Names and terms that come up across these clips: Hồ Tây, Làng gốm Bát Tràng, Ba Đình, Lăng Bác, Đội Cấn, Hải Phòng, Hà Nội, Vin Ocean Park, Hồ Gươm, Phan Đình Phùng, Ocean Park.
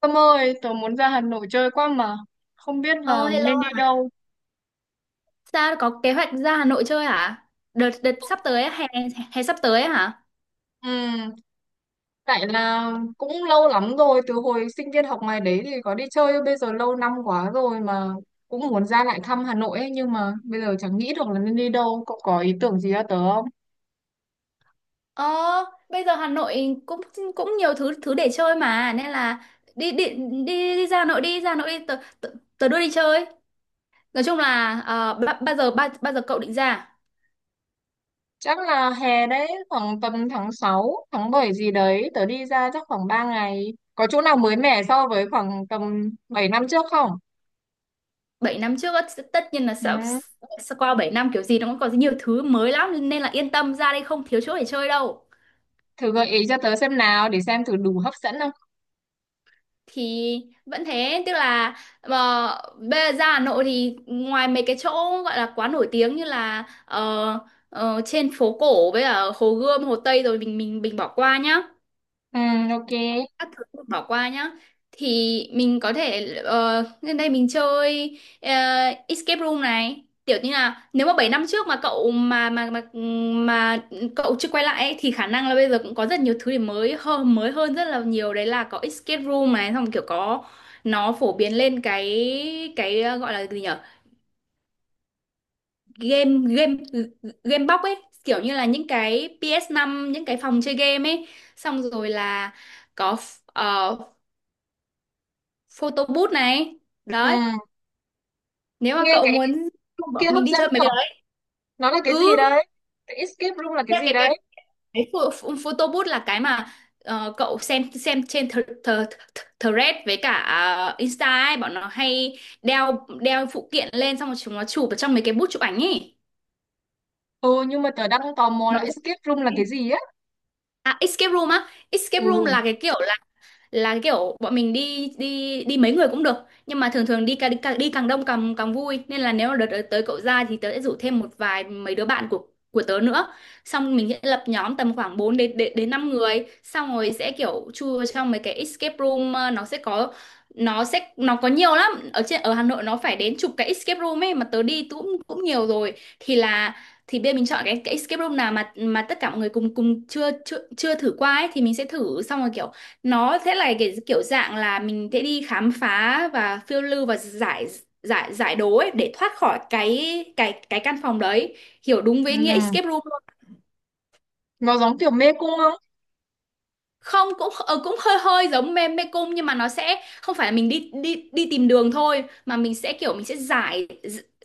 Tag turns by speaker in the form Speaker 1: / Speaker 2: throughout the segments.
Speaker 1: Tâm ơi, tớ muốn ra Hà Nội chơi quá mà, không biết
Speaker 2: Ờ
Speaker 1: là
Speaker 2: Hello,
Speaker 1: nên đi đâu.
Speaker 2: sao có kế hoạch ra Hà Nội chơi hả? Đợt đợt sắp tới á, hè hè sắp tới á hả?
Speaker 1: Ừ, tại là cũng lâu lắm rồi, từ hồi sinh viên học ngoài đấy thì có đi chơi, bây giờ lâu năm quá rồi mà cũng muốn ra lại thăm Hà Nội ấy, nhưng mà bây giờ chẳng nghĩ được là nên đi đâu, cậu có ý tưởng gì cho tớ không?
Speaker 2: Ờ, Bây giờ Hà Nội cũng cũng nhiều thứ thứ để chơi mà nên là đi đi đi, đi ra Hà Nội, đi ra Hà Nội đi. Tớ đưa đi chơi. Nói chung là bao giờ, bao giờ cậu định ra?
Speaker 1: Chắc là hè đấy, khoảng tầm tháng 6, tháng 7 gì đấy, tớ đi ra chắc khoảng 3 ngày. Có chỗ nào mới mẻ so với khoảng tầm 7 năm trước không?
Speaker 2: Bảy năm trước á, tất nhiên là
Speaker 1: Ừ,
Speaker 2: sẽ qua 7 năm kiểu gì nó cũng còn nhiều thứ mới lắm nên là yên tâm, ra đây không thiếu chỗ để chơi đâu.
Speaker 1: thử gợi ý cho tớ xem nào, để xem thử đủ hấp dẫn không.
Speaker 2: Thì vẫn thế, tức là mà bây giờ ra Hà Nội thì ngoài mấy cái chỗ gọi là quá nổi tiếng như là trên phố cổ với ở Hồ Gươm, Hồ Tây rồi mình bỏ qua nhá,
Speaker 1: Ừ, ok.
Speaker 2: các thứ mình bỏ qua nhá, thì mình có thể lên đây mình chơi escape room này, kiểu như là nếu mà 7 năm trước mà cậu chưa quay lại ấy, thì khả năng là bây giờ cũng có rất nhiều thứ để mới hơn, mới hơn rất là nhiều đấy. Là có escape room này, xong kiểu có nó phổ biến lên cái gọi là gì nhở, game game game box ấy, kiểu như là những cái ps năm, những cái phòng chơi game ấy. Xong rồi là có ờ, photo booth này
Speaker 1: Ừ.
Speaker 2: đấy, nếu mà
Speaker 1: Nghe
Speaker 2: cậu
Speaker 1: cái
Speaker 2: muốn
Speaker 1: room kia
Speaker 2: bọn
Speaker 1: hấp
Speaker 2: mình đi
Speaker 1: dẫn
Speaker 2: chơi mấy
Speaker 1: nhở?
Speaker 2: cái đấy.
Speaker 1: Nó là cái
Speaker 2: ừ
Speaker 1: gì đấy? Cái escape room là cái
Speaker 2: cái
Speaker 1: gì
Speaker 2: cái cái,
Speaker 1: đấy?
Speaker 2: cái photo booth là cái mà cậu xem trên th th th thread với cả Insta ấy, bọn nó hay đeo đeo phụ kiện lên xong rồi chúng nó chụp ở trong mấy cái booth chụp ảnh ấy.
Speaker 1: Ừ, nhưng mà tớ đang tò mò
Speaker 2: Nó-
Speaker 1: là escape room là cái gì á?
Speaker 2: À, escape room á, escape room
Speaker 1: Ừ.
Speaker 2: là cái kiểu là kiểu bọn mình đi đi đi mấy người cũng được, nhưng mà thường thường đi càng, đi càng đông càng càng vui, nên là nếu mà đợt tới cậu ra thì tớ sẽ rủ thêm một vài mấy đứa bạn của tớ nữa, xong mình sẽ lập nhóm tầm khoảng 4 đến đến, đến 5 người, xong rồi sẽ kiểu chui trong mấy cái escape room. Ờ, nó sẽ có nó có nhiều lắm, ở trên ở Hà Nội nó phải đến chục cái escape room ấy, mà tớ đi cũng cũng nhiều rồi. Thì là thì bây giờ mình chọn cái escape room nào mà tất cả mọi người cùng cùng chưa chưa chưa thử qua ấy, thì mình sẽ thử. Xong rồi kiểu nó sẽ là cái kiểu dạng là mình sẽ đi khám phá và phiêu lưu và giải giải giải đố ấy để thoát khỏi cái căn phòng đấy, hiểu đúng
Speaker 1: Ừ.
Speaker 2: với nghĩa escape room luôn.
Speaker 1: Nó giống kiểu mê cung không?
Speaker 2: Không, cũng cũng hơi hơi giống mê mê cung, nhưng mà nó sẽ không phải là mình đi đi đi tìm đường thôi mà mình sẽ kiểu mình sẽ giải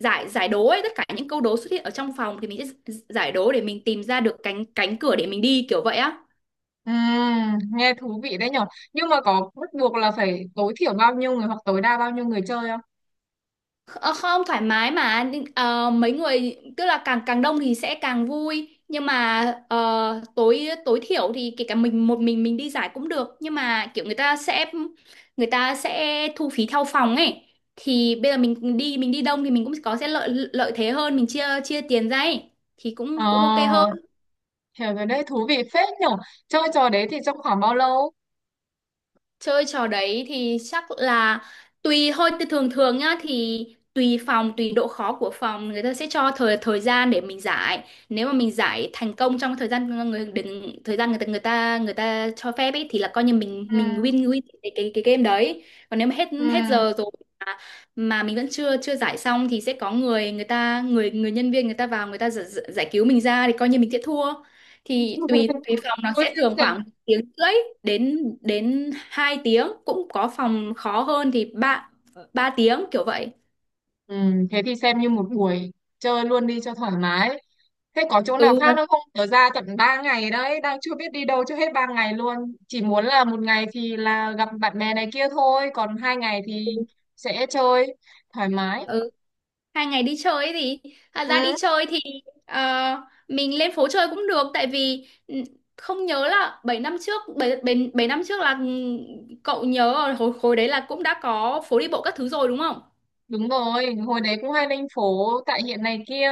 Speaker 2: giải giải đố ấy, tất cả những câu đố xuất hiện ở trong phòng thì mình sẽ giải đố để mình tìm ra được cánh cánh cửa để mình đi, kiểu vậy á.
Speaker 1: Ừ, nghe thú vị đấy nhở? Nhưng mà có bắt buộc là phải tối thiểu bao nhiêu người hoặc tối đa bao nhiêu người chơi không?
Speaker 2: Ờ, không, thoải mái mà. Nhưng, mấy người tức là càng càng đông thì sẽ càng vui, nhưng mà tối, tối thiểu thì kể cả mình một mình đi giải cũng được, nhưng mà kiểu người ta sẽ thu phí theo phòng ấy. Thì bây giờ mình đi, mình đi đông thì mình cũng có sẽ lợi, lợi thế hơn, mình chia chia tiền ra ấy, thì cũng cũng ok hơn.
Speaker 1: Ờ, hiểu rồi đấy, thú vị phết nhở? Chơi trò đấy thì trong khoảng bao lâu?
Speaker 2: Chơi trò đấy thì chắc là tùy thôi, thì thường thường nhá, thì tùy phòng, tùy độ khó của phòng người ta sẽ cho thời, thời gian để mình giải. Nếu mà mình giải thành công trong thời gian người đừng thời gian người ta cho phép ấy thì là coi như
Speaker 1: Ừ.
Speaker 2: mình win, cái game đấy. Còn nếu mà hết,
Speaker 1: Ừ.
Speaker 2: hết giờ rồi mà, mà mình vẫn chưa, chưa giải xong thì sẽ có người, người ta người người nhân viên người ta vào người ta giải, giải cứu mình ra, thì coi như mình sẽ thua. Thì tùy, tùy phòng nó
Speaker 1: Ôi,
Speaker 2: sẽ
Speaker 1: phết
Speaker 2: thường
Speaker 1: nhở?
Speaker 2: khoảng tiếng rưỡi đến đến 2 tiếng, cũng có phòng khó hơn thì ba, ba tiếng kiểu vậy.
Speaker 1: Ừ, thế thì xem như một buổi chơi luôn đi cho thoải mái. Thế có chỗ nào khác
Speaker 2: Ừ,
Speaker 1: nữa không? Tớ ra tận 3 ngày đấy, đang chưa biết đi đâu cho hết 3 ngày luôn. Chỉ muốn là một ngày thì là gặp bạn bè này kia thôi, còn 2 ngày thì sẽ chơi thoải mái.
Speaker 2: ừ. Hai ngày đi chơi ấy thì thật ra đi
Speaker 1: Ừ,
Speaker 2: chơi thì ờ, mình lên phố chơi cũng được tại vì ừ, không nhớ là 7 năm trước, 7 7 7 năm trước là ừ, cậu nhớ ở hồi khối đấy là cũng đã có phố đi bộ các thứ rồi đúng không.
Speaker 1: đúng rồi, hồi đấy cũng hay lên phố tại hiện này kia.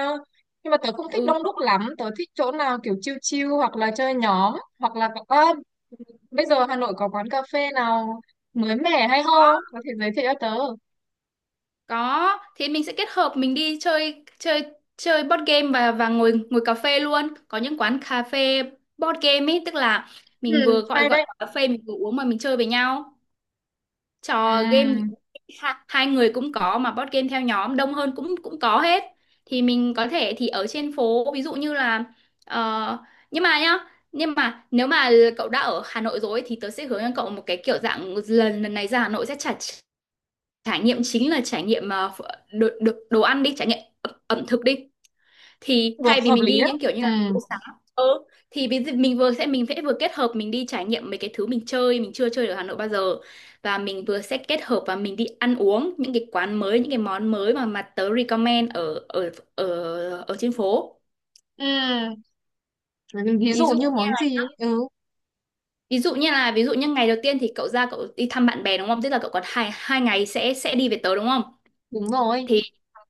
Speaker 1: Nhưng mà tớ không thích
Speaker 2: Ừ.
Speaker 1: đông đúc lắm, tớ thích chỗ nào kiểu chill chill hoặc là chơi nhóm, hoặc là à, bây giờ Hà Nội có quán cà phê nào mới mẻ hay ho, có thể giới thiệu cho tớ.
Speaker 2: Có, thì mình sẽ kết hợp mình đi chơi chơi chơi board game và ngồi, ngồi cà phê luôn. Có những quán cà phê board game ấy, tức là mình vừa
Speaker 1: Ừ,
Speaker 2: gọi
Speaker 1: hay
Speaker 2: gọi
Speaker 1: đấy.
Speaker 2: cà phê mình vừa uống mà mình chơi với nhau.
Speaker 1: Ừ,
Speaker 2: Trò game hai người cũng có, mà board game theo nhóm đông hơn cũng cũng có hết. Thì mình có thể thì ở trên phố ví dụ như là ờ, nhưng mà nhá, nhưng mà nếu mà cậu đã ở Hà Nội rồi ấy, thì tớ sẽ hướng cho cậu một cái kiểu dạng lần, lần này ra Hà Nội sẽ trả, trải nghiệm chính là trải nghiệm đồ, đồ ăn, đi trải nghiệm ẩm, ẩm thực đi, thì
Speaker 1: được
Speaker 2: thay vì
Speaker 1: hợp
Speaker 2: mình
Speaker 1: lý
Speaker 2: đi
Speaker 1: đó.
Speaker 2: những kiểu như
Speaker 1: Ừ.
Speaker 2: là phố xá. Ừ, thì ví dụ mình vừa sẽ mình sẽ vừa kết hợp mình đi trải nghiệm mấy cái thứ mình chơi mình chưa chơi ở Hà Nội bao giờ, và mình vừa sẽ kết hợp và mình đi ăn uống những cái quán mới, những cái món mới mà tớ recommend ở ở ở ở trên phố.
Speaker 1: Ừ, ví
Speaker 2: Ví
Speaker 1: dụ
Speaker 2: dụ
Speaker 1: như
Speaker 2: như
Speaker 1: món gì
Speaker 2: là
Speaker 1: ấy. Ừ,
Speaker 2: ví dụ như ngày đầu tiên thì cậu ra cậu đi thăm bạn bè đúng không, tức là cậu còn hai hai ngày sẽ đi về tớ đúng không.
Speaker 1: đúng rồi.
Speaker 2: Thì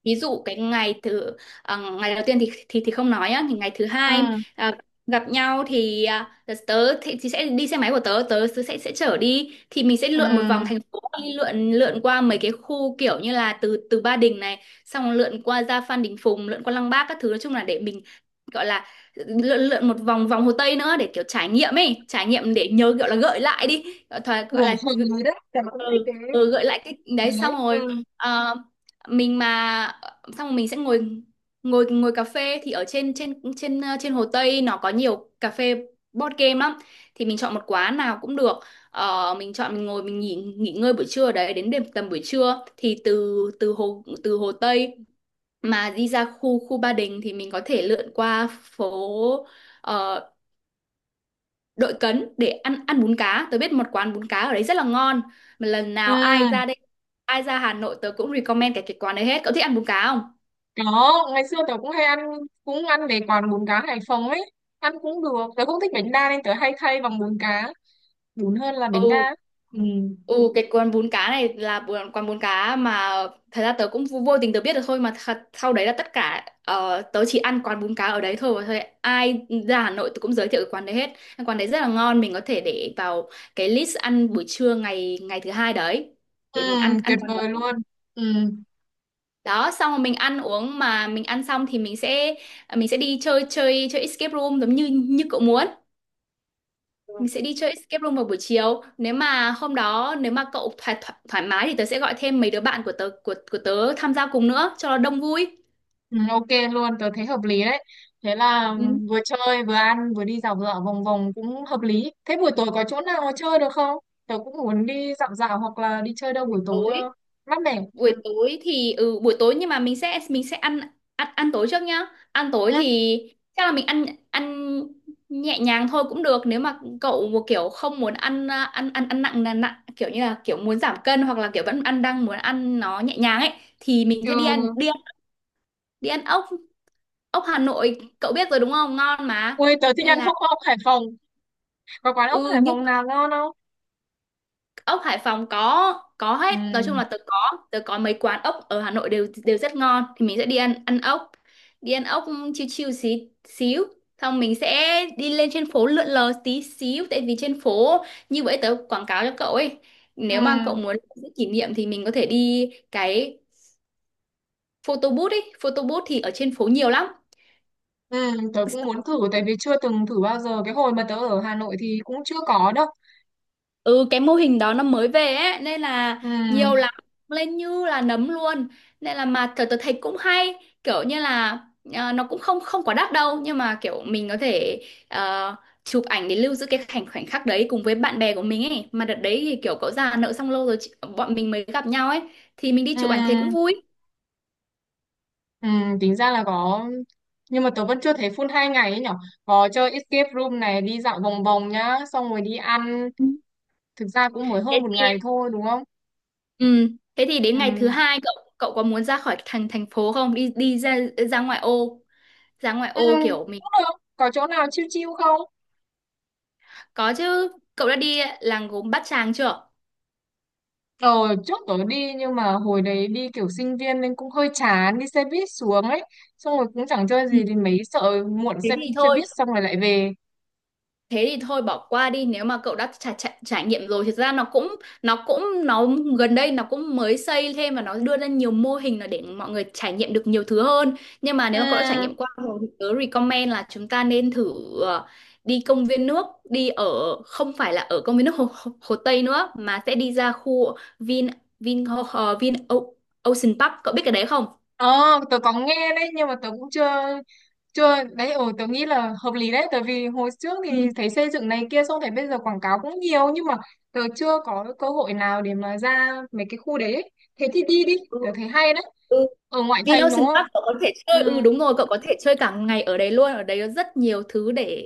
Speaker 2: ví dụ cái ngày thứ, à, ngày đầu tiên thì không nói nhá, thì ngày thứ hai,
Speaker 1: Ừ.
Speaker 2: à, gặp nhau thì à, tớ thì sẽ đi xe máy của tớ, tớ sẽ chở đi, thì mình sẽ lượn một vòng
Speaker 1: Ừ,
Speaker 2: thành phố, đi lượn, lượn qua mấy cái khu kiểu như là từ từ Ba Đình này, xong lượn qua ra Phan Đình Phùng, lượn qua Lăng Bác các thứ. Nói chung là để mình gọi là lượn, một vòng, vòng Hồ Tây nữa, để kiểu trải nghiệm ấy, trải nghiệm để nhớ, gọi là gợi lại đi, gọi,
Speaker 1: lửa
Speaker 2: gọi là
Speaker 1: hợp rồi đấy, tớ cũng thích cái
Speaker 2: ừ, ừ gợi lại cái đấy.
Speaker 1: đấy.
Speaker 2: Xong rồi
Speaker 1: Ừ.
Speaker 2: ờ, mình mà xong rồi mình sẽ ngồi ngồi ngồi cà phê thì ở trên trên trên trên Hồ Tây nó có nhiều cà phê board game lắm, thì mình chọn một quán nào cũng được. Ờ, mình chọn mình ngồi mình nghỉ, nghỉ ngơi buổi trưa ở đấy đến đêm, tầm buổi trưa thì từ từ Hồ Tây mà đi ra khu khu Ba Đình thì mình có thể lượn qua phố ờ, Đội Cấn để ăn ăn bún cá. Tớ biết một quán bún cá ở đấy rất là ngon mà lần nào ai
Speaker 1: Ừ.
Speaker 2: ra đây, ai ra Hà Nội tớ cũng recommend cái quán đấy hết. Cậu thích ăn bún cá không?
Speaker 1: Có, ngày xưa tớ cũng hay ăn, cũng ăn mấy quán bún cá Hải Phòng ấy, ăn cũng được, tớ cũng thích bánh đa nên tớ hay thay bằng bún cá đúng hơn là bánh
Speaker 2: Ừ,
Speaker 1: đa. Ừ.
Speaker 2: ừ cái quán bún cá này là quán bún cá mà thật ra tớ cũng vô, vô tình tớ biết được thôi, mà thật, sau đấy là tất cả tớ chỉ ăn quán bún cá ở đấy thôi, và thôi ai ra Hà Nội tớ cũng giới thiệu cái quán đấy hết. Cái quán đấy rất là ngon, mình có thể để vào cái list ăn buổi trưa ngày ngày thứ hai đấy
Speaker 1: Ừ,
Speaker 2: để mình ăn ăn
Speaker 1: tuyệt
Speaker 2: quán
Speaker 1: vời luôn.
Speaker 2: đấy.
Speaker 1: Ừ.
Speaker 2: Đó, xong rồi mình ăn uống, mà mình ăn xong thì mình sẽ à, mình sẽ đi chơi chơi chơi escape room giống như như cậu muốn, mình sẽ đi chơi escape room vào buổi chiều. Nếu mà hôm đó nếu mà cậu thoải thoải, thoải mái thì tớ sẽ gọi thêm mấy đứa bạn của tớ tham gia cùng nữa cho nó đông vui.
Speaker 1: Ừ, ok luôn, tớ thấy hợp lý đấy. Thế là
Speaker 2: Ừ.
Speaker 1: vừa chơi, vừa ăn, vừa đi dạo dạo vòng vòng cũng hợp lý. Thế buổi tối có chỗ nào chơi được không? Tớ cũng muốn đi dạo dạo hoặc là đi chơi đâu
Speaker 2: buổi
Speaker 1: buổi tối
Speaker 2: tối
Speaker 1: cho mát mẻ. Ừ.
Speaker 2: buổi tối thì ừ buổi tối nhưng mà mình sẽ ăn ăn ăn tối trước nhá. Ăn tối
Speaker 1: Ừ.
Speaker 2: thì chắc là mình ăn ăn nhẹ nhàng thôi cũng được, nếu mà cậu một kiểu không muốn ăn, à, ăn ăn ăn nặng, là nặng kiểu như là kiểu muốn giảm cân, hoặc là kiểu vẫn ăn đang muốn ăn nó nhẹ nhàng ấy, thì mình sẽ
Speaker 1: Ừ.
Speaker 2: đi ăn ốc. Ốc Hà Nội cậu biết rồi đúng không, ngon mà,
Speaker 1: Ui, tớ thích
Speaker 2: nên
Speaker 1: ăn
Speaker 2: là
Speaker 1: ốc Hải Phòng. Có quán ốc
Speaker 2: ừ.
Speaker 1: Hải
Speaker 2: Nhưng
Speaker 1: Phòng nào ngon không?
Speaker 2: ốc Hải Phòng có
Speaker 1: Ừ.
Speaker 2: hết. Nói chung là tớ có, tớ có mấy quán ốc ở Hà Nội đều đều rất ngon, thì mình sẽ đi ăn ăn ốc. Đi ăn ốc chiêu chiêu xí xíu xong mình sẽ đi lên trên phố lượn lờ tí xíu, tại vì trên phố như vậy tớ quảng cáo cho cậu ấy.
Speaker 1: Ừ.
Speaker 2: Nếu mà cậu muốn giữ kỷ niệm thì mình có thể đi cái photo booth ấy. Photo booth thì ở trên phố nhiều lắm.
Speaker 1: Ừ. Tớ cũng muốn thử tại vì chưa từng thử bao giờ. Cái hồi mà tớ ở Hà Nội thì cũng chưa có đâu.
Speaker 2: Ừ, cái mô hình đó nó mới về ấy nên là
Speaker 1: Ừ.
Speaker 2: nhiều lắm, lên như là nấm luôn. Nên là mà tớ thấy cũng hay, kiểu như là, à, nó cũng không không quá đắt đâu, nhưng mà kiểu mình có thể, ờ, chụp ảnh để lưu giữ cái khoảnh khoảnh khắc đấy cùng với bạn bè của mình ấy, mà đợt đấy thì kiểu cậu già nợ xong lâu rồi bọn mình mới gặp nhau ấy, thì mình đi
Speaker 1: Ừ.
Speaker 2: chụp ảnh thế cũng vui.
Speaker 1: Ừ, tính ra là có, nhưng mà tớ vẫn chưa thấy full 2 ngày ấy nhở, có chơi escape room này, đi dạo vòng vòng nhá, xong rồi đi ăn,
Speaker 2: Ừ.
Speaker 1: thực ra cũng mới
Speaker 2: Thế
Speaker 1: hơn một
Speaker 2: thì
Speaker 1: ngày thôi đúng không.
Speaker 2: ừ, thế thì đến ngày thứ
Speaker 1: Ừ.
Speaker 2: hai cậu cậu có muốn ra khỏi thành thành phố không, đi đi ra ra ngoại ô, ra ngoại
Speaker 1: Ừ,
Speaker 2: ô kiểu mình.
Speaker 1: cũng được, có chỗ nào chill chill không?
Speaker 2: Có chứ, cậu đã đi làng gốm Bát Tràng chưa?
Speaker 1: Ờ, trước tớ đi nhưng mà hồi đấy đi kiểu sinh viên nên cũng hơi chán, đi xe buýt xuống ấy, xong rồi cũng chẳng chơi
Speaker 2: Ừ,
Speaker 1: gì, thì mấy sợ muộn
Speaker 2: thế
Speaker 1: xe,
Speaker 2: thì
Speaker 1: xe
Speaker 2: thôi.
Speaker 1: buýt xong rồi lại về.
Speaker 2: Thế thì thôi bỏ qua đi, nếu mà cậu đã trải nghiệm rồi thì thực ra nó cũng nó gần đây nó cũng mới xây thêm, và nó đưa ra nhiều mô hình là để mọi người trải nghiệm được nhiều thứ hơn. Nhưng mà nếu mà cậu đã trải
Speaker 1: Ừ.
Speaker 2: nghiệm qua rồi thì tớ recommend là chúng ta nên thử, ờ, đi công viên nước, đi ở, không phải là ở công viên nước Hồ Tây nữa, mà sẽ đi ra khu Vin Vin Ho- Ho- Vin O- Ocean Park. Cậu biết cái đấy không?
Speaker 1: Ờ, tớ có nghe đấy, nhưng mà tớ cũng chưa. Chưa, đấy, ừ, tớ nghĩ là hợp lý đấy, tại vì hồi trước thì thấy xây dựng này kia, xong thấy bây giờ quảng cáo cũng nhiều, nhưng mà tớ chưa có cơ hội nào để mà ra mấy cái khu đấy ấy. Thế thì đi đi,
Speaker 2: Ừ.
Speaker 1: tớ thấy hay đấy.
Speaker 2: Ừ.
Speaker 1: Ở ngoại thành đúng
Speaker 2: Vinocean
Speaker 1: không?
Speaker 2: Park cậu có thể chơi,
Speaker 1: Ừ,
Speaker 2: ừ đúng rồi, cậu có thể chơi cả ngày ở đấy luôn, ở đấy có rất nhiều thứ để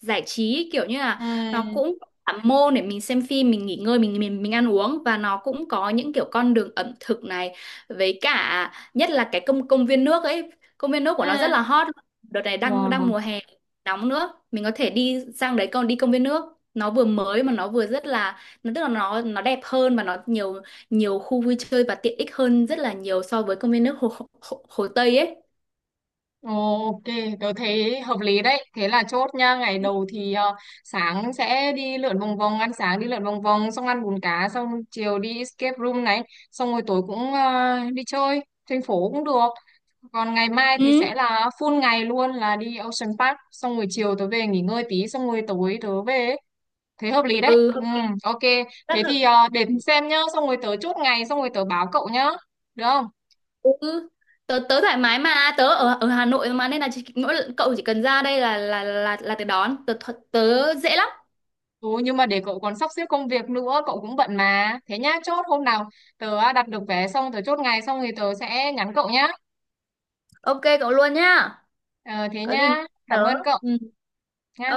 Speaker 2: giải trí, kiểu như là nó
Speaker 1: ừ,
Speaker 2: cũng có cả môn để mình xem phim, mình nghỉ ngơi, mình mình ăn uống, và nó cũng có những kiểu con đường ẩm thực này, với cả nhất là cái công công viên nước ấy. Công viên nước của nó rất
Speaker 1: ừ.
Speaker 2: là hot. Đợt này đang đang
Speaker 1: Wow.
Speaker 2: mùa hè nóng nữa, mình có thể đi sang đấy còn đi công viên nước. Nó vừa mới, mà nó vừa rất là nó, tức là nó đẹp hơn và nó nhiều nhiều khu vui chơi và tiện ích hơn rất là nhiều so với công viên nước hồ Tây ấy.
Speaker 1: Ok, tôi thấy hợp lý đấy. Thế là chốt nha. Ngày đầu thì sáng sẽ đi lượn vòng vòng, ăn sáng đi lượn vòng vòng, xong ăn bún cá, xong chiều đi escape room này, xong rồi tối cũng đi chơi, thành phố cũng được. Còn ngày mai thì
Speaker 2: Ừ.
Speaker 1: sẽ là full ngày luôn là đi Ocean Park, xong rồi chiều tớ về nghỉ ngơi tí, xong rồi tối tớ về ấy. Thế hợp lý đấy.
Speaker 2: Ừ.
Speaker 1: Ừ, ok. Thế thì để xem nhá, xong rồi tớ chốt ngày, xong rồi tớ báo cậu nhá. Được không?
Speaker 2: Ừ, tớ tớ thoải mái mà, tớ ở ở Hà Nội mà, nên là chỉ, cậu chỉ cần ra đây là tớ đón, tớ tớ tớ dễ lắm.
Speaker 1: Ừ, nhưng mà để cậu còn sắp xếp công việc nữa, cậu cũng bận mà, thế nhá, chốt hôm nào tớ à, đặt được vé xong tớ chốt ngày xong thì tớ sẽ nhắn cậu nhá.
Speaker 2: Ok cậu luôn nhá,
Speaker 1: Ờ, thế
Speaker 2: có gì
Speaker 1: nhá,
Speaker 2: nhắn tớ.
Speaker 1: cảm ơn cậu
Speaker 2: Ừ.
Speaker 1: nhá.